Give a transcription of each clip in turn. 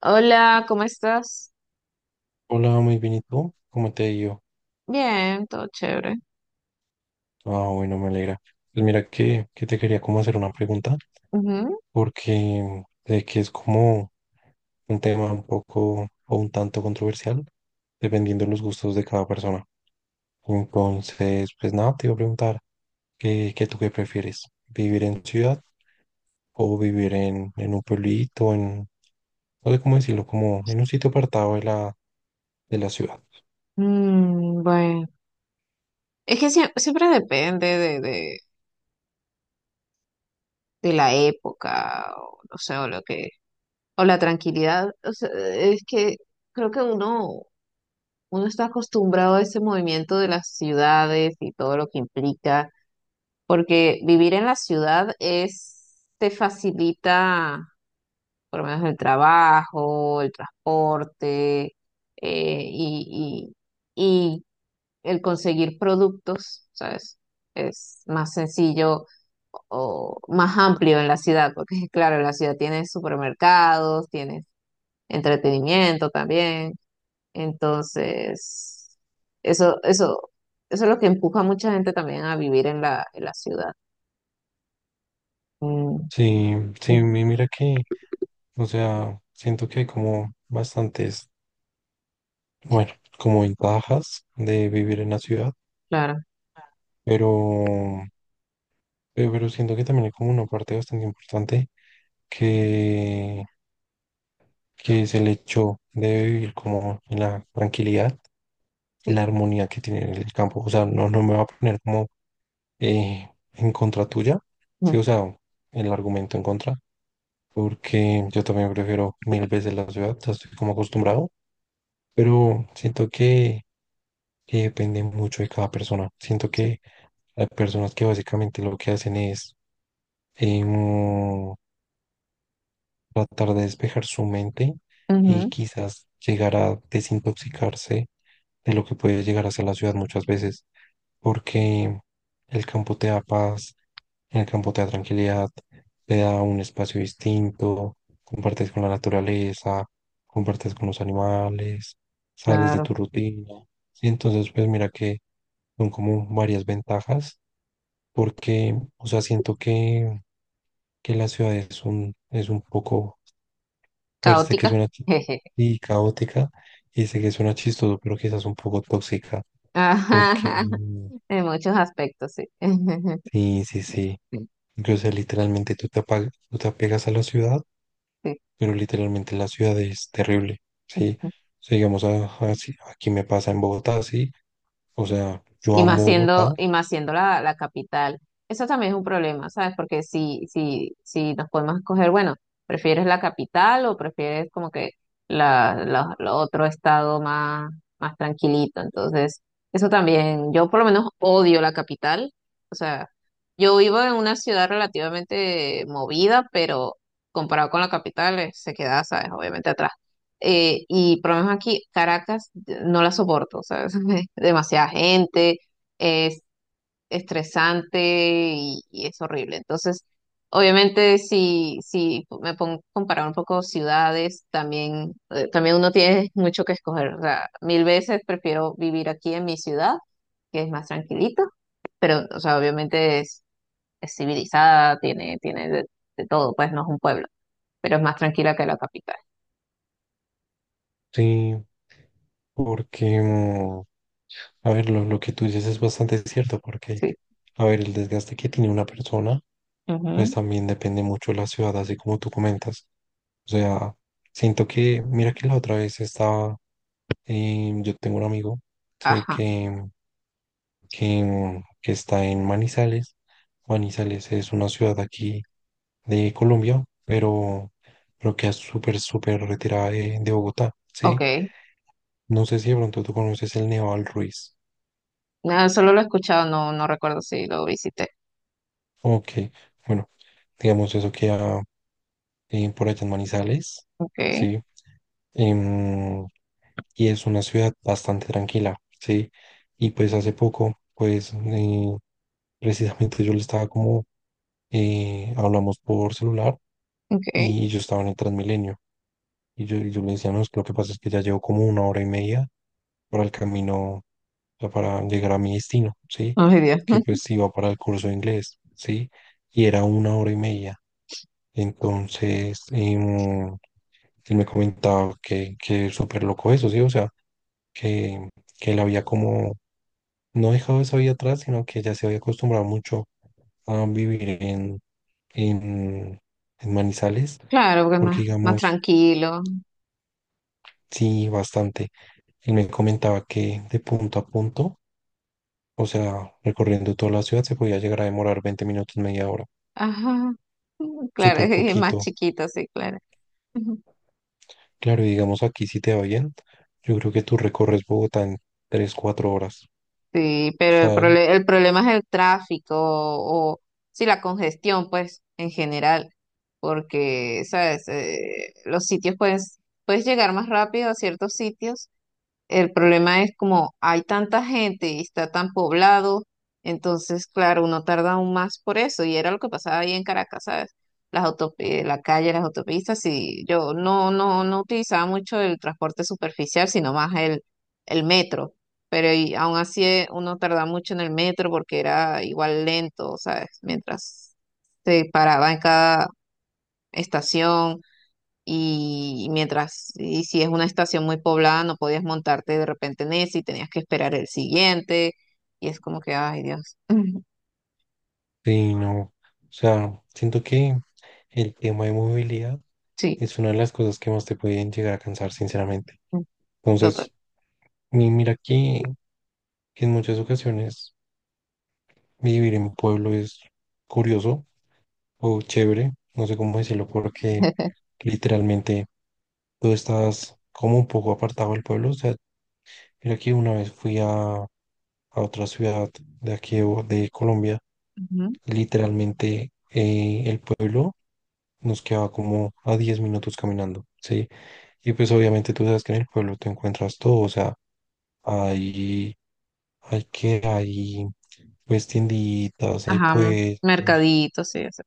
Hola, ¿cómo estás? Hola, muy bien, ¿y tú? ¿Cómo te ha ido? Bien, todo chévere. Ah, bueno, me alegra. Pues mira que te quería como hacer una pregunta, Ujú. porque sé que es como un tema un poco o un tanto controversial, dependiendo de los gustos de cada persona. Entonces, pues nada, te iba a preguntar, ¿qué tú qué prefieres? ¿Vivir en ciudad o vivir en un pueblito, en, no sé cómo decirlo, como en un sitio apartado de la ciudad? Mm, bueno, es que siempre depende de de la época, o no sé, o la tranquilidad. O sea, es que creo que uno está acostumbrado a ese movimiento de las ciudades y todo lo que implica, porque vivir en la ciudad es, te facilita por lo menos el trabajo, el transporte, eh, y y- y el conseguir productos, ¿sabes? Es más sencillo o más amplio en la ciudad, porque claro, en la ciudad tienes supermercados, tienes entretenimiento también. Entonces, eso, eso, eso es lo que empuja a mucha gente también a vivir en en la ciudad. Mm, Sí, sí, ujú, mira que, o sea, siento que hay como bastantes. Bueno, como ventajas de vivir en la ciudad, claro, pero, pero siento que también hay como una parte bastante importante que, que es el hecho de vivir como en la tranquilidad y sí. la armonía que tiene el campo. O sea, no, no me va a poner como en contra tuya, Mm, sí, o sea, el argumento en contra, porque yo también prefiero mil veces la ciudad, ya estoy como acostumbrado, pero siento que depende mucho de cada persona. Siento que hay personas que básicamente lo que hacen es em, tratar de despejar su mente y ujú, quizás llegar a desintoxicarse de lo que puede llegar a ser la ciudad muchas veces, porque el campo te da paz, el campo te da tranquilidad, te da un espacio distinto, compartes con la naturaleza, compartes con los animales, sales de claro. tu rutina. Y entonces, pues mira que son como varias ventajas, porque, o sea, siento que la ciudad es un poco, pues sé que Caótica. suena Jeje. y caótica y sé que suena chistoso, pero quizás un poco tóxica, porque Ajá, mm, en muchos aspectos, sí. sí, sí, sí, o sea, literalmente tú te, tú te apegas a la ciudad, pero literalmente la ciudad es terrible, ¿sí? Sí. O sea, digamos, aquí me pasa en Bogotá, ¿sí? O sea, yo amo Bogotá, Y más siendo la capital. Eso también es un problema, ¿sabes? Porque si nos podemos escoger, bueno, ¿prefieres la capital o prefieres como que la otro más tranquilito? Entonces, eso también, yo por lo menos odio la capital. O sea, yo vivo en una ciudad relativamente movida, pero comparado con la capital, se queda, ¿sabes? Obviamente atrás. Y por lo menos aquí, Caracas, no la soporto, ¿sabes? Demasiada gente es estresante y es horrible. Entonces, obviamente, si me pongo a comparar un poco ciudades, también, también uno tiene mucho que escoger. O sea, mil veces prefiero vivir aquí en mi ciudad, que es más tranquilito, pero, o sea, obviamente es civilizada, tiene de todo, pues no es un pueblo, pero es más tranquila que la capital. sí. Porque, mm, a ver, lo que tú dices es bastante cierto, porque, Sí. a ver, el desgaste que tiene una persona, pues Ujú. también depende mucho de la ciudad, así como tú comentas. O sea, siento que, mira que la otra vez estaba, yo tengo un amigo, sí, Ajá, que está en Manizales. Manizales es una ciudad aquí de Colombia, pero queda súper, súper retirada de Bogotá, ok. ¿sí? No sé si de pronto tú conoces el Nevado del Ruiz. Nada, solo lo he escuchado, no recuerdo si lo visité. Ok, bueno, digamos eso queda por allá en Manizales, Ok, ¿sí? Em, y es una ciudad bastante tranquila, ¿sí? Y pues hace poco, pues precisamente yo le estaba como, hablamos por celular ok. y yo estaba en el Transmilenio. Y yo le decía, no, es que lo que pasa es que ya llevo como 1 hora y media para el camino, o sea, para llegar a mi destino, ¿sí? Ay, Dios. Que pues iba para el curso de inglés, ¿sí? Y era 1 hora y media. Entonces, él me comentaba que es súper loco eso, ¿sí? O sea, que, que él había como no dejado esa vida atrás, sino que ya se había acostumbrado mucho a vivir en, en Manizales, Claro, porque es porque más digamos, tranquilo. sí, bastante. Él me comentaba que de punto a punto, o sea, recorriendo toda la ciudad se podía llegar a demorar 20 minutos, media hora, Ajá. Claro, súper es más poquito. chiquito, sí, claro. Ujú. Claro, y digamos aquí si te va bien, yo creo que tú recorres Bogotá en 3 o 4 horas, Sí, pero el ¿sabes? El problema es el tráfico o, sí, la congestión, pues, en general, porque, ¿sabes? Los sitios, pues, puedes llegar más rápido a ciertos sitios. El problema es como hay tanta gente y está tan poblado, entonces, claro, uno tarda aún más por eso. Y era lo que pasaba ahí en Caracas, ¿sabes? La calle, las autopistas, y yo no utilizaba mucho el transporte superficial, sino más el metro. Pero y aún así uno tardaba mucho en el metro porque era igual lento, ¿sabes? Mientras se paraba en cada estación y mientras, y si es una estación muy poblada, no podías montarte de repente en ese y tenías que esperar el siguiente. Y es como que, ay Dios. Sí, no. O sea, siento que el tema de movilidad Sí, es una de las cosas que más te pueden llegar a cansar, sinceramente. mm, total. Entonces, mira que en muchas ocasiones vivir en mi pueblo es curioso o chévere, no sé cómo decirlo, porque literalmente tú estás como un poco apartado del pueblo. O sea, mira que una vez fui a otra ciudad de aquí de de Colombia. Ujú. Literalmente el pueblo nos quedaba como a 10 minutos caminando, ¿sí? Y pues obviamente tú sabes que en el pueblo te encuentras todo. O sea, hay, hay pues tienditas, hay Ajá, puestos. mercadito, sí, o sea,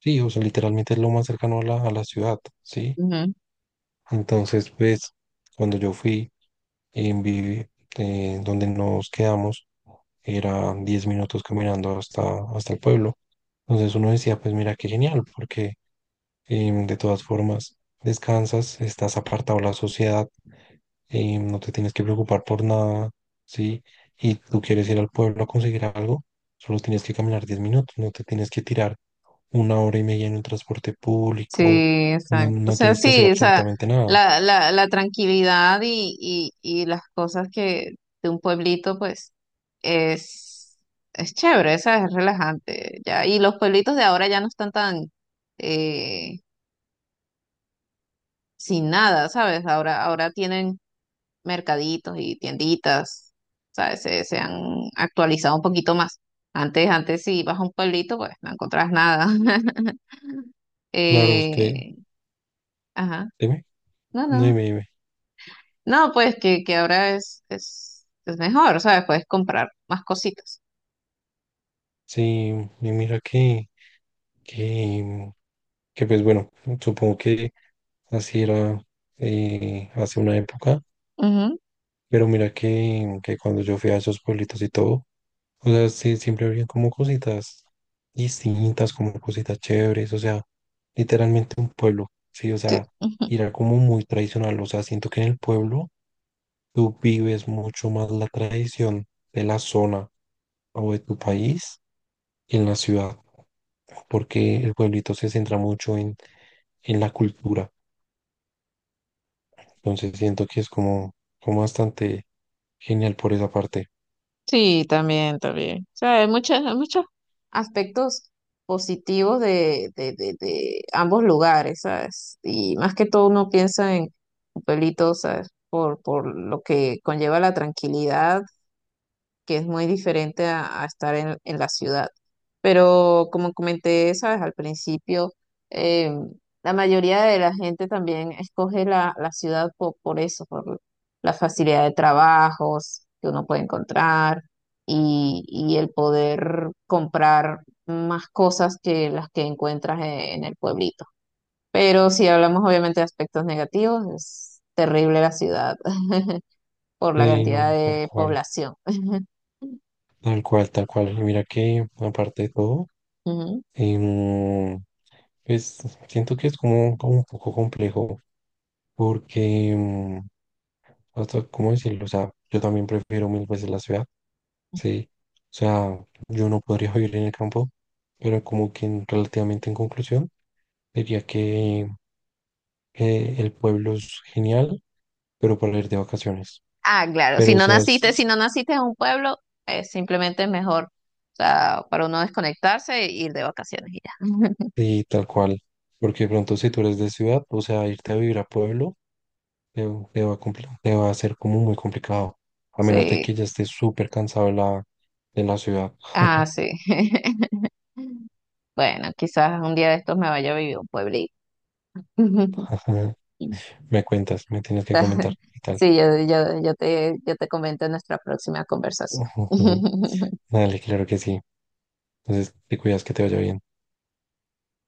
Sí, o sea, literalmente es lo más cercano a a la ciudad, ¿sí? ujú. Entonces, pues, cuando yo fui... en vi- donde nos quedamos era 10 minutos caminando hasta el pueblo. Entonces uno decía, pues mira qué genial, porque de todas formas descansas, estás apartado de la sociedad, no te tienes que preocupar por nada, ¿sí? Y tú quieres ir al pueblo a conseguir algo, solo tienes que caminar 10 minutos, no te tienes que tirar 1 hora y media en un transporte Sí, público, no, exacto. O no sea, tienes que hacer sí, o sea, absolutamente nada. La tranquilidad y las cosas que de un pueblito, pues, es, es chévere, ¿sabes? Es relajante, ya. Y los pueblitos de ahora ya no están tan, eh, sin nada, ¿sabes? Ahora tienen mercaditos y tienditas, ¿sabes? Se han actualizado un poquito más. Antes si ibas a un pueblito, pues no encontrabas nada. Claro, es que, Eh, ajá, dime, no, no no. dime, dime. No, pues que ahora es mejor, ¿sabes? Puedes comprar más cositas. Sí, y mira que, que pues bueno, supongo que así era hace una época, Ujú, pero mira que cuando yo fui a esos pueblitos y todo, o sea, sí, siempre había como cositas distintas, como cositas chéveres, o sea, literalmente un pueblo, sí, o sí. sea, era como muy tradicional, o sea, siento que en el pueblo tú vives mucho más la tradición de la zona o de tu país en la ciudad, porque el pueblito se centra mucho en la cultura. Entonces siento que es como, como bastante genial por esa parte. Sí, también, también. O sea, hay muchas, hay muchos aspectos positivos de ambos lugares, ¿sabes? Y más que todo uno piensa en Copelito, ¿sabes? Por lo que conlleva la tranquilidad que es muy diferente a estar en la ciudad. Pero como comenté, sabes, al principio, eh, la mayoría de la gente también escoge la ciudad por, eso, por la facilidad de trabajos que uno puede encontrar y el poder comprar más cosas que las que encuentras en el pueblito. Pero si hablamos obviamente de aspectos negativos, es terrible la ciudad por la Sí, cantidad no, tal de cual, población. tal cual, tal cual. Y mira que aparte de todo, Ujú. em, pues siento que es como, como un poco complejo, porque, hasta, ¿cómo decirlo? O sea, yo también prefiero mil veces la ciudad, sí. O sea, yo no podría vivir en el campo, pero como que relativamente en conclusión. Diría que el pueblo es genial, pero para ir de vacaciones. Ah, claro, Pero, o sea, si no naciste en un pueblo, simplemente es mejor, o sea, para uno desconectarse e ir de vacaciones y ya. sí, tal cual. Porque de pronto si tú eres de ciudad, o sea, irte a vivir a pueblo te, te va a te va a ser como muy complicado. A menos de que Sí, ya estés súper cansado de de la ciudad. ah, sí. Bueno, quizás un día de estos me vaya a vivir a un pueblito. Me cuentas, me tienes que comentar y tal. Sí, yo te comento en nuestra próxima conversación. Dale, claro que sí. Entonces, te cuidas que te vaya bien.